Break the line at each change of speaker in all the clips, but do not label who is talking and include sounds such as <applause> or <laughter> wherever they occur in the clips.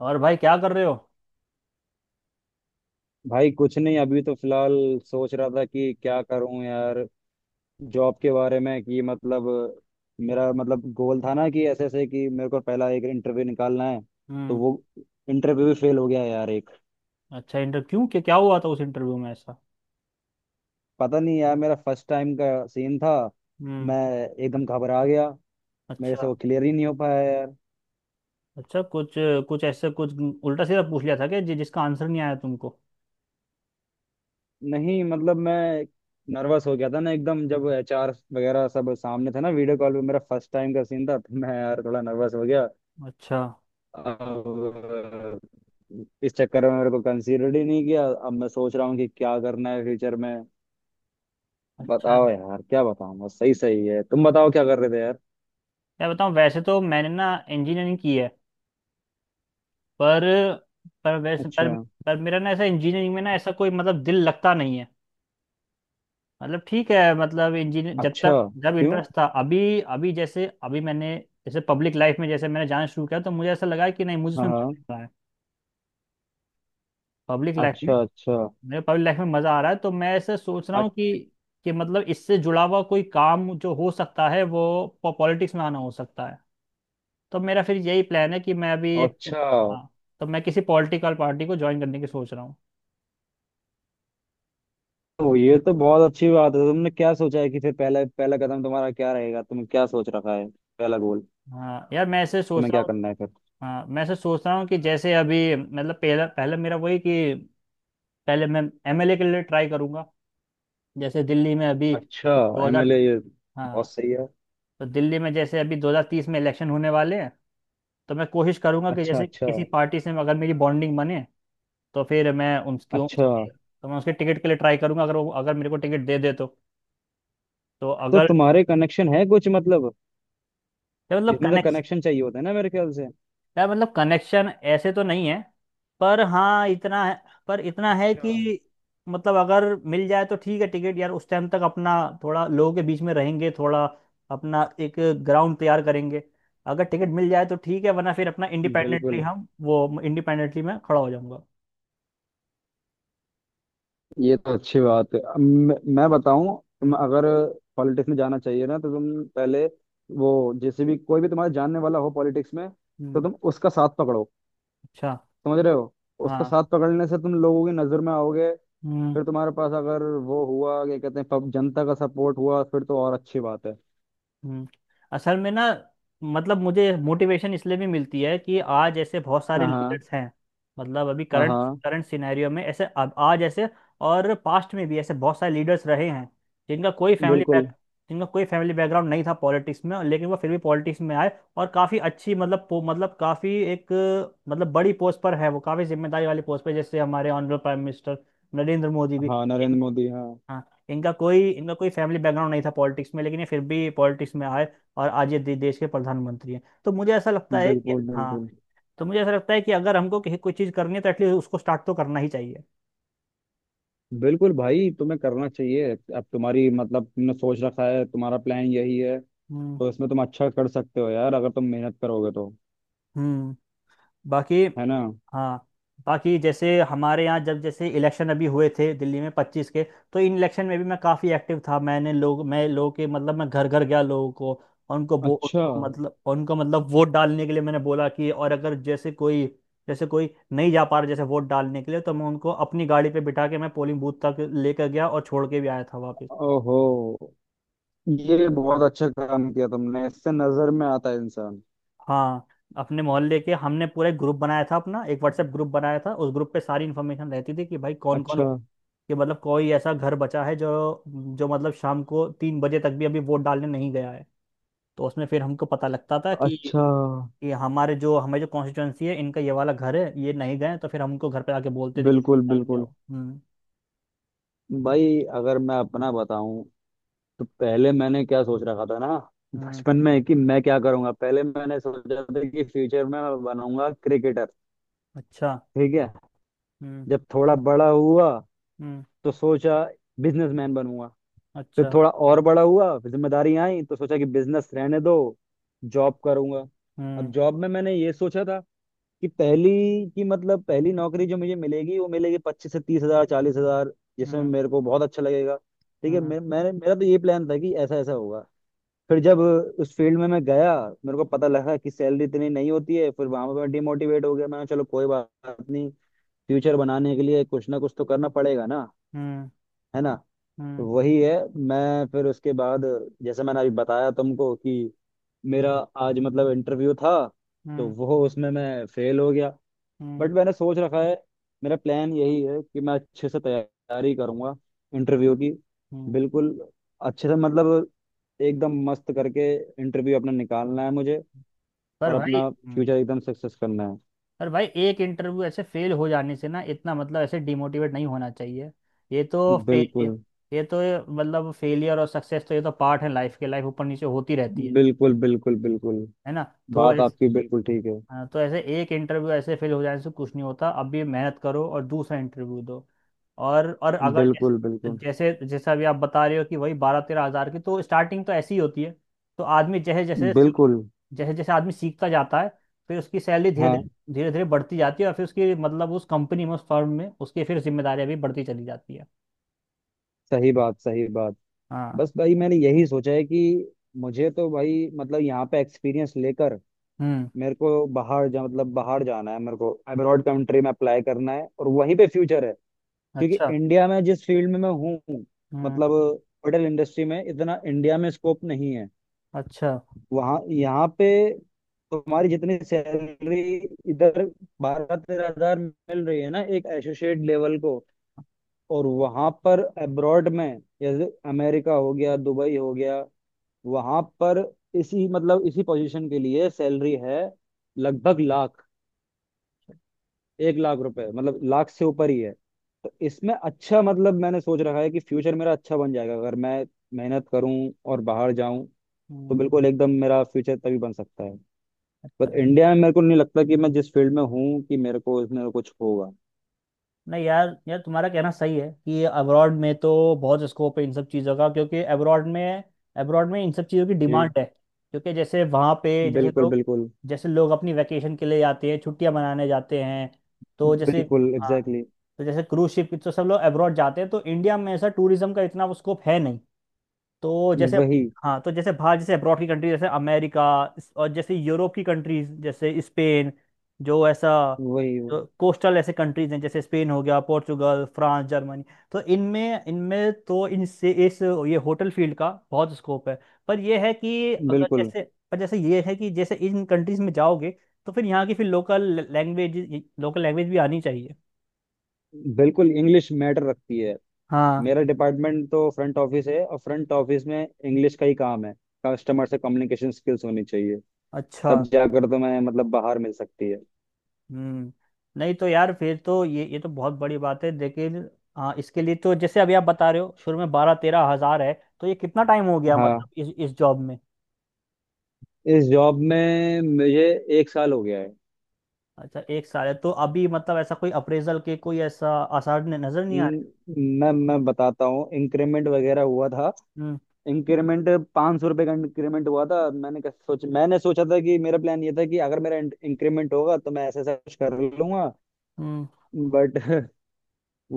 और भाई क्या कर रहे हो?
भाई कुछ नहीं, अभी तो फिलहाल सोच रहा था कि क्या करूं यार, जॉब के बारे में कि मतलब मेरा मतलब गोल था ना कि ऐसे ऐसे कि मेरे को पहला एक इंटरव्यू निकालना है। तो
हम्म।
वो इंटरव्यू भी फेल हो गया यार एक।
अच्छा, इंटरव्यू क्यों? क्या क्या हुआ था उस इंटरव्यू में ऐसा?
पता नहीं यार, मेरा फर्स्ट टाइम का सीन था।
हम्म।
मैं एकदम घबरा गया। मेरे से
अच्छा।
वो क्लियर ही नहीं हो पाया यार।
अच्छा, कुछ कुछ ऐसे कुछ उल्टा सीधा पूछ लिया था कि जिसका आंसर नहीं आया तुमको?
नहीं मतलब मैं नर्वस हो गया था ना, एकदम जब एचआर वगैरह सब सामने थे ना, वीडियो कॉल पे मेरा फर्स्ट टाइम का सीन था, तो मैं यार थोड़ा नर्वस हो गया।
अच्छा
अब इस चक्कर में मेरे को कंसीडर ही नहीं किया। अब मैं सोच रहा हूँ कि क्या करना है फ्यूचर में।
अच्छा।
बताओ यार, क्या बताऊँ, बस सही सही है। तुम बताओ क्या कर रहे थे यार।
मैं बताऊं, वैसे तो मैंने ना इंजीनियरिंग की है, पर पर वैसे
अच्छा,
पर मेरा ना ऐसा इंजीनियरिंग में ना ऐसा कोई मतलब दिल लगता नहीं है। मतलब ठीक है, मतलब इंजीनियर जब
अच्छा।
तक जब
क्यों?
इंटरेस्ट था, अभी अभी जैसे अभी मैंने, जैसे पब्लिक लाइफ में जैसे मैंने जाना शुरू किया तो मुझे ऐसा लगा कि नहीं मुझे
हाँ
इसमें मजा
हाँ।
आ रहा है। Public life.
अच्छा अच्छा।
मेरे पब्लिक लाइफ में मजा आ रहा है तो मैं ऐसे सोच रहा
अ-
हूँ कि मतलब इससे जुड़ा हुआ कोई काम जो हो सकता है वो पॉलिटिक्स में आना हो सकता है। तो मेरा फिर यही प्लान है कि मैं अभी एक,
अच्छा।
हाँ, तो मैं किसी पॉलिटिकल पार्टी को ज्वाइन करने की सोच रहा हूँ।
तो ये तो बहुत अच्छी बात है। तुमने क्या सोचा है कि फिर पहला पहला कदम तुम्हारा क्या रहेगा? तुमने क्या सोच रखा है? पहला गोल?
हाँ यार, मैं ऐसे सोच
तुम्हें
रहा
क्या
हूँ।
करना है फिर?
हाँ मैं ऐसे सोच रहा हूँ कि जैसे अभी मतलब पहला पहले मेरा वही कि पहले मैं एमएलए के लिए ट्राई करूंगा। जैसे दिल्ली में अभी
अच्छा।
2000।
एमएलए, ये बहुत
हाँ,
सही है।
तो दिल्ली में जैसे अभी 2030 में इलेक्शन होने वाले हैं। तो मैं कोशिश करूंगा कि
अच्छा
जैसे
अच्छा।
किसी पार्टी से अगर मेरी बॉन्डिंग बने तो फिर मैं
अच्छा।
तो मैं उसके टिकट के लिए ट्राई करूंगा। अगर वो, अगर मेरे को टिकट दे दे तो
तो
अगर
तुम्हारे कनेक्शन है कुछ, मतलब
ये मतलब
इसमें तो
कनेक्ट,
कनेक्शन चाहिए होता है ना मेरे ख्याल से।
यार मतलब कनेक्शन ऐसे तो नहीं है, पर हाँ इतना है,
अच्छा।
कि मतलब अगर मिल जाए तो ठीक है टिकट, यार उस टाइम तक अपना थोड़ा लोगों के बीच में रहेंगे, थोड़ा अपना एक ग्राउंड तैयार करेंगे। अगर टिकट मिल जाए तो ठीक है, वरना फिर अपना इंडिपेंडेंटली
बिल्कुल।
हम वो इंडिपेंडेंटली मैं खड़ा हो जाऊंगा।
ये तो अच्छी बात है। अब मैं बताऊं, तुम
हम्म।
अगर पॉलिटिक्स में जाना चाहिए ना, तो तुम पहले वो, जैसे भी कोई भी तुम्हारे जानने वाला हो पॉलिटिक्स में, तो
हम्म।
तुम उसका साथ पकड़ो।
अच्छा।
समझ रहे हो? उसका
हाँ।
साथ पकड़ने से तुम लोगों की नजर में आओगे।
हम्म।
फिर तुम्हारे पास अगर वो हुआ, क्या कहते हैं, जनता का सपोर्ट हुआ, फिर तो और अच्छी बात है।
हम्म, असल में ना मतलब मुझे मोटिवेशन इसलिए भी मिलती है कि आज ऐसे बहुत सारे
हाँ।
लीडर्स हैं। मतलब अभी
हाँ
करंट
हाँ।
करंट सिनेरियो में ऐसे, अब आज ऐसे और पास्ट में भी ऐसे बहुत सारे लीडर्स रहे हैं जिनका कोई फैमिली
बिल्कुल।
बैक जिनका कोई फैमिली बैकग्राउंड नहीं था पॉलिटिक्स में, लेकिन वो फिर भी पॉलिटिक्स में आए। और काफ़ी अच्छी मतलब काफ़ी एक, मतलब बड़ी पोस्ट पर है वो, काफ़ी जिम्मेदारी वाली पोस्ट पर, जैसे हमारे honourable prime minister Narendra Modi भी।
हाँ, नरेंद्र मोदी, हाँ।
हाँ। इनका कोई फैमिली बैकग्राउंड नहीं था पॉलिटिक्स में, लेकिन ये फिर भी पॉलिटिक्स में आए। और आज ये देश के प्रधानमंत्री हैं। तो मुझे ऐसा लगता है कि
बिल्कुल
हाँ,
बिल्कुल।
तो मुझे ऐसा लगता है कि अगर हमको कहीं कोई चीज़ करनी है तो एटलीस्ट उसको स्टार्ट तो करना ही चाहिए।
बिल्कुल भाई, तुम्हें करना चाहिए। अब तुम्हारी मतलब तुमने सोच रखा है, तुम्हारा प्लान यही है,
हम्म।
तो इसमें तुम अच्छा कर सकते हो यार, अगर तुम मेहनत करोगे तो।
हम्म। बाकी।
है ना।
हाँ, बाकी जैसे हमारे यहाँ जब जैसे इलेक्शन अभी हुए थे दिल्ली में 25 के, तो इन इलेक्शन में भी मैं काफ़ी एक्टिव था। मैंने लोग मैं लोगों के मतलब मैं घर घर गया लोगों को। और उनको वो
अच्छा।
उनको मतलब वोट डालने के लिए मैंने बोला कि, और अगर जैसे कोई, जैसे कोई नहीं जा पा रहा जैसे वोट डालने के लिए तो मैं उनको अपनी गाड़ी पे बिठा के मैं पोलिंग बूथ तक लेकर गया और छोड़ के भी आया था वापस।
ओहो, ये बहुत अच्छा काम किया तुमने, इससे नजर में आता है इंसान।
हाँ, अपने मोहल्ले के हमने पूरा एक ग्रुप बनाया था, अपना एक व्हाट्सएप ग्रुप बनाया था। उस ग्रुप पे सारी इन्फॉर्मेशन रहती थी कि भाई कौन कौन,
अच्छा
कि मतलब कोई ऐसा घर बचा है जो, जो मतलब शाम को 3 बजे तक भी अभी वोट डालने नहीं गया है। तो उसमें फिर हमको पता लगता था कि
अच्छा।
ये हमारे जो हमें जो कॉन्स्टिट्यूएंसी है, इनका ये वाला घर है, ये नहीं गए, तो फिर हमको घर पे आके बोलते थे कि
बिल्कुल
डाल के आओ।
बिल्कुल।
हम्म।
भाई, अगर मैं अपना बताऊं, तो पहले मैंने क्या सोच रखा था ना,
हम्म।
बचपन में कि मैं क्या करूंगा। पहले मैंने सोचा था कि फ्यूचर में मैं बनूंगा क्रिकेटर।
अच्छा।
ठीक है।
हम्म।
जब थोड़ा बड़ा हुआ,
हम्म।
तो सोचा बिजनेसमैन बनूंगा। फिर
अच्छा।
थोड़ा और बड़ा हुआ, फिर जिम्मेदारियां आई, तो सोचा कि बिजनेस रहने दो, जॉब करूंगा। अब
हम्म।
जॉब में मैंने ये सोचा था कि
हम्म।
पहली की मतलब पहली नौकरी जो मुझे मिलेगी, वो मिलेगी 25 से 30,000, 40,000 जिसमें
हम्म।
मेरे को बहुत अच्छा लगेगा। ठीक है।
हम्म।
मैंने मेरा तो ये प्लान था कि ऐसा ऐसा होगा। फिर जब उस फील्ड में मैं गया, मेरे को पता लगा कि सैलरी इतनी नहीं होती है। फिर वहां पर मैं डिमोटिवेट हो गया। मैंने कहा, चलो कोई बात नहीं, फ्यूचर बनाने के लिए कुछ ना कुछ तो करना पड़ेगा ना।
हम्म।
है ना। तो
हम्म।
वही है। मैं फिर उसके बाद, जैसे मैंने अभी बताया तुमको कि मेरा आज मतलब इंटरव्यू था, तो
हम्म।
वो उसमें मैं फेल हो गया।
हम्म,
बट मैंने सोच रखा है, मेरा प्लान यही है कि मैं अच्छे से तैयारी करूंगा इंटरव्यू की।
हम्म,
बिल्कुल। अच्छे से मतलब एकदम मस्त करके इंटरव्यू अपना निकालना है मुझे, और
पर भाई।
अपना
हम्म,
फ्यूचर एकदम सक्सेस करना है।
पर भाई एक इंटरव्यू ऐसे फेल हो जाने से ना इतना मतलब ऐसे डिमोटिवेट नहीं होना चाहिए। ये तो फेलियर
बिल्कुल
ये तो मतलब फेलियर और सक्सेस तो, ये तो पार्ट है लाइफ के। लाइफ ऊपर नीचे होती रहती है
बिल्कुल बिल्कुल। बिल्कुल
है ना? तो
बात
ऐसे,
आपकी बिल्कुल ठीक है।
हाँ, तो ऐसे एक इंटरव्यू ऐसे फेल हो जाने से कुछ नहीं होता। अब भी मेहनत करो और दूसरा इंटरव्यू दो। और अगर
बिल्कुल
जैसे
बिल्कुल
जैसे जैसा अभी आप बता रहे हो कि वही 12-13 हज़ार की, तो स्टार्टिंग तो ऐसी ही होती है। तो आदमी जैसे जैसे सीख
बिल्कुल।
जैसे जैसे आदमी सीखता जाता है, फिर उसकी सैलरी धीरे धीरे
हाँ,
धीरे धीरे बढ़ती जाती है, और फिर उसकी मतलब उस कंपनी में उस फर्म में उसकी फिर जिम्मेदारियां भी बढ़ती चली जाती है।
सही बात, सही बात।
हाँ।
बस भाई, मैंने यही सोचा है कि मुझे तो भाई मतलब यहाँ पे एक्सपीरियंस लेकर
हम्म।
मेरे को बाहर जा मतलब बाहर जाना है। मेरे को अब्रॉड कंट्री में अप्लाई करना है और वहीं पे फ्यूचर है, क्योंकि
अच्छा।
इंडिया में जिस फील्ड में मैं हूँ,
हम्म।
मतलब होटल इंडस्ट्री में इतना इंडिया में स्कोप नहीं है।
अच्छा।
वहाँ, यहाँ पे तुम्हारी जितनी सैलरी, इधर 12-13 हज़ार मिल रही है ना एक एसोसिएट लेवल को, और वहां पर अब्रॉड में जैसे अमेरिका हो गया, दुबई हो गया, वहां पर इसी मतलब इसी पोजीशन के लिए सैलरी है लगभग लाख, 1 लाख रुपए, मतलब लाख से ऊपर ही है। तो इसमें अच्छा, मतलब मैंने सोच रखा है कि फ्यूचर मेरा अच्छा बन जाएगा अगर मैं मेहनत करूं और बाहर जाऊं, तो
हम्म।
बिल्कुल एकदम मेरा फ्यूचर तभी बन सकता है।
अच्छा।
पर इंडिया में मेरे को नहीं लगता कि मैं जिस फील्ड में हूँ, कि मेरे को इसमें कुछ होगा।
नहीं यार, यार तुम्हारा कहना सही है कि अब्रॉड में तो बहुत स्कोप है इन सब चीज़ों का, क्योंकि अब्रॉड में, इन सब चीज़ों की
जी,
डिमांड है, क्योंकि जैसे वहाँ पे जैसे
बिल्कुल
लोग
बिल्कुल।
जैसे लोग अपनी वैकेशन के लिए जाते हैं, छुट्टियाँ मनाने जाते हैं, तो जैसे,
बिल्कुल
हाँ,
एग्जैक्टली।
तो जैसे क्रूज शिप तो सब लोग अब्रॉड जाते हैं। तो इंडिया में ऐसा टूरिज्म का इतना स्कोप है नहीं। तो
exactly.
जैसे,
वही।
हाँ, तो जैसे बाहर, जैसे अब्रॉड की कंट्री, जैसे अमेरिका, और जैसे यूरोप की कंट्रीज जैसे स्पेन, जो ऐसा,
वही वही।
जो कोस्टल ऐसे कंट्रीज हैं, जैसे स्पेन हो गया, पोर्चुगल, फ्रांस, जर्मनी, तो इनमें इनमें तो इनसे इस ये होटल फील्ड का बहुत स्कोप है। पर ये है कि अगर
बिल्कुल,
जैसे, पर जैसे ये है कि जैसे इन कंट्रीज में जाओगे, तो फिर यहाँ की फिर लोकल लैंग्वेज भी आनी चाहिए।
बिल्कुल इंग्लिश मैटर रखती है।
हाँ।
मेरा डिपार्टमेंट तो फ्रंट ऑफिस है, और फ्रंट ऑफिस में इंग्लिश का ही काम है। कस्टमर से कम्युनिकेशन स्किल्स होनी चाहिए,
अच्छा।
तब जाकर तो मैं मतलब बाहर मिल सकती है।
हम्म। नहीं तो यार फिर तो ये तो बहुत बड़ी बात है, लेकिन, हाँ, इसके लिए तो जैसे अभी आप बता रहे हो शुरू में 12-13 हज़ार है। तो ये कितना टाइम हो गया
हाँ।
मतलब इस जॉब में?
इस जॉब में मुझे 1 साल हो गया है।
अच्छा, एक साल है, तो अभी मतलब ऐसा कोई अप्रेजल के कोई ऐसा आसार नजर नहीं आ रहे।
न- मैं बताता हूँ, इंक्रीमेंट वगैरह हुआ था।
हम्म।
इंक्रीमेंट 500 रुपये का इंक्रीमेंट हुआ था। सोच मैंने सोचा था कि मेरा प्लान ये था कि अगर मेरा इंक्रीमेंट होगा, तो मैं ऐसा ऐसा कुछ कर लूंगा।
हम्म।
बट <laughs>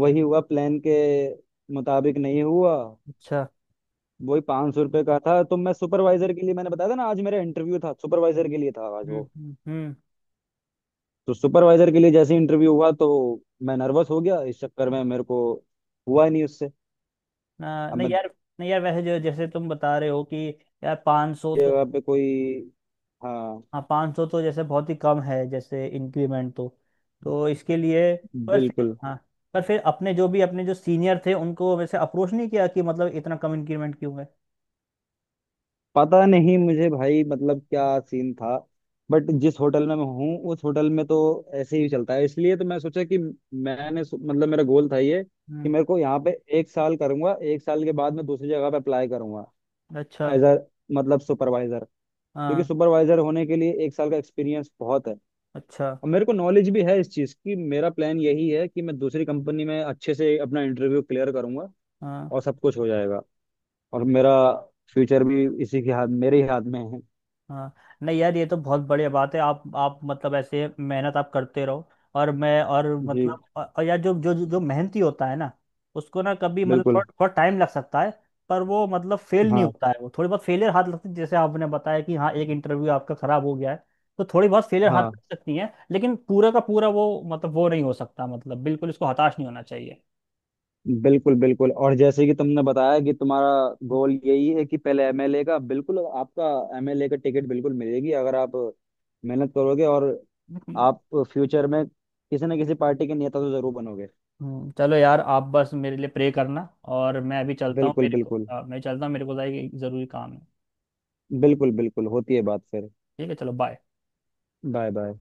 वही हुआ, प्लान के मुताबिक नहीं हुआ।
अच्छा।
वही 500 रुपये का था। तो मैं सुपरवाइजर के लिए, मैंने बताया था ना, आज मेरा इंटरव्यू था सुपरवाइजर के लिए था आज
हम्म।
वो।
हम्म।
तो सुपरवाइजर के लिए जैसे इंटरव्यू हुआ, तो मैं नर्वस हो गया, इस चक्कर में मेरे को हुआ ही नहीं उससे। अब
नहीं
मैं
यार, नहीं यार वैसे जो जैसे तुम बता रहे हो कि यार 500 सौ तो,
जगह पे कोई, हाँ,
हाँ, 500 तो जैसे बहुत ही कम है जैसे इंक्रीमेंट तो इसके लिए, पर फिर,
बिल्कुल।
हाँ, पर फिर अपने जो भी अपने जो सीनियर थे उनको वैसे अप्रोच नहीं किया कि मतलब इतना कम इंक्रीमेंट क्यों है?
पता नहीं मुझे भाई, मतलब क्या सीन था। बट जिस होटल में मैं हूँ, उस होटल में तो ऐसे ही चलता है, इसलिए तो मैं सोचा कि मैंने सो- मतलब मेरा गोल था ये कि
हम्म।
मेरे को यहाँ पे 1 साल करूंगा, 1 साल के बाद मैं दूसरी जगह पे अप्लाई करूंगा,
अच्छा।
एज अ मतलब सुपरवाइजर, क्योंकि
हाँ।
सुपरवाइजर होने के लिए 1 साल का एक्सपीरियंस बहुत है,
अच्छा।
और मेरे को नॉलेज भी है इस चीज़ की। मेरा प्लान यही है कि मैं दूसरी कंपनी में अच्छे से अपना इंटरव्यू क्लियर करूंगा,
हाँ,
और सब कुछ हो जाएगा, और मेरा फ्यूचर भी इसी के हाथ, मेरे ही हाथ में है।
हाँ, नहीं यार, ये तो बहुत बढ़िया बात है। आप मतलब ऐसे मेहनत आप करते रहो। और मैं और
जी,
मतलब और यार, जो जो जो मेहनती होता है ना, उसको ना कभी मतलब थोड़ा
बिल्कुल।
थोड़ा टाइम लग सकता है, पर वो मतलब फेल नहीं
हाँ
होता है, वो थोड़ी बहुत फेलियर हाथ लगती है। जैसे आपने बताया कि हाँ एक इंटरव्यू आपका खराब हो गया है, तो थोड़ी बहुत फेलियर हाथ लग
हाँ।
सकती है, लेकिन पूरा का पूरा वो मतलब वो नहीं हो सकता। मतलब बिल्कुल इसको हताश नहीं होना चाहिए।
बिल्कुल बिल्कुल। और जैसे कि तुमने बताया कि तुम्हारा
हम्म।
गोल यही है कि पहले एमएलए का, बिल्कुल आपका एमएलए का टिकट बिल्कुल मिलेगी, अगर आप मेहनत करोगे, और आप फ्यूचर में किसी न किसी पार्टी के नेता तो जरूर बनोगे।
चलो यार आप बस मेरे लिए प्रे करना, और मैं अभी चलता हूँ,
बिल्कुल
मेरे को
बिल्कुल।
मैं चलता हूँ, मेरे को ज़रा एक ज़रूरी काम है।
बिल्कुल बिल्कुल होती है बात फिर।
ठीक है, चलो बाय।
Bye bye.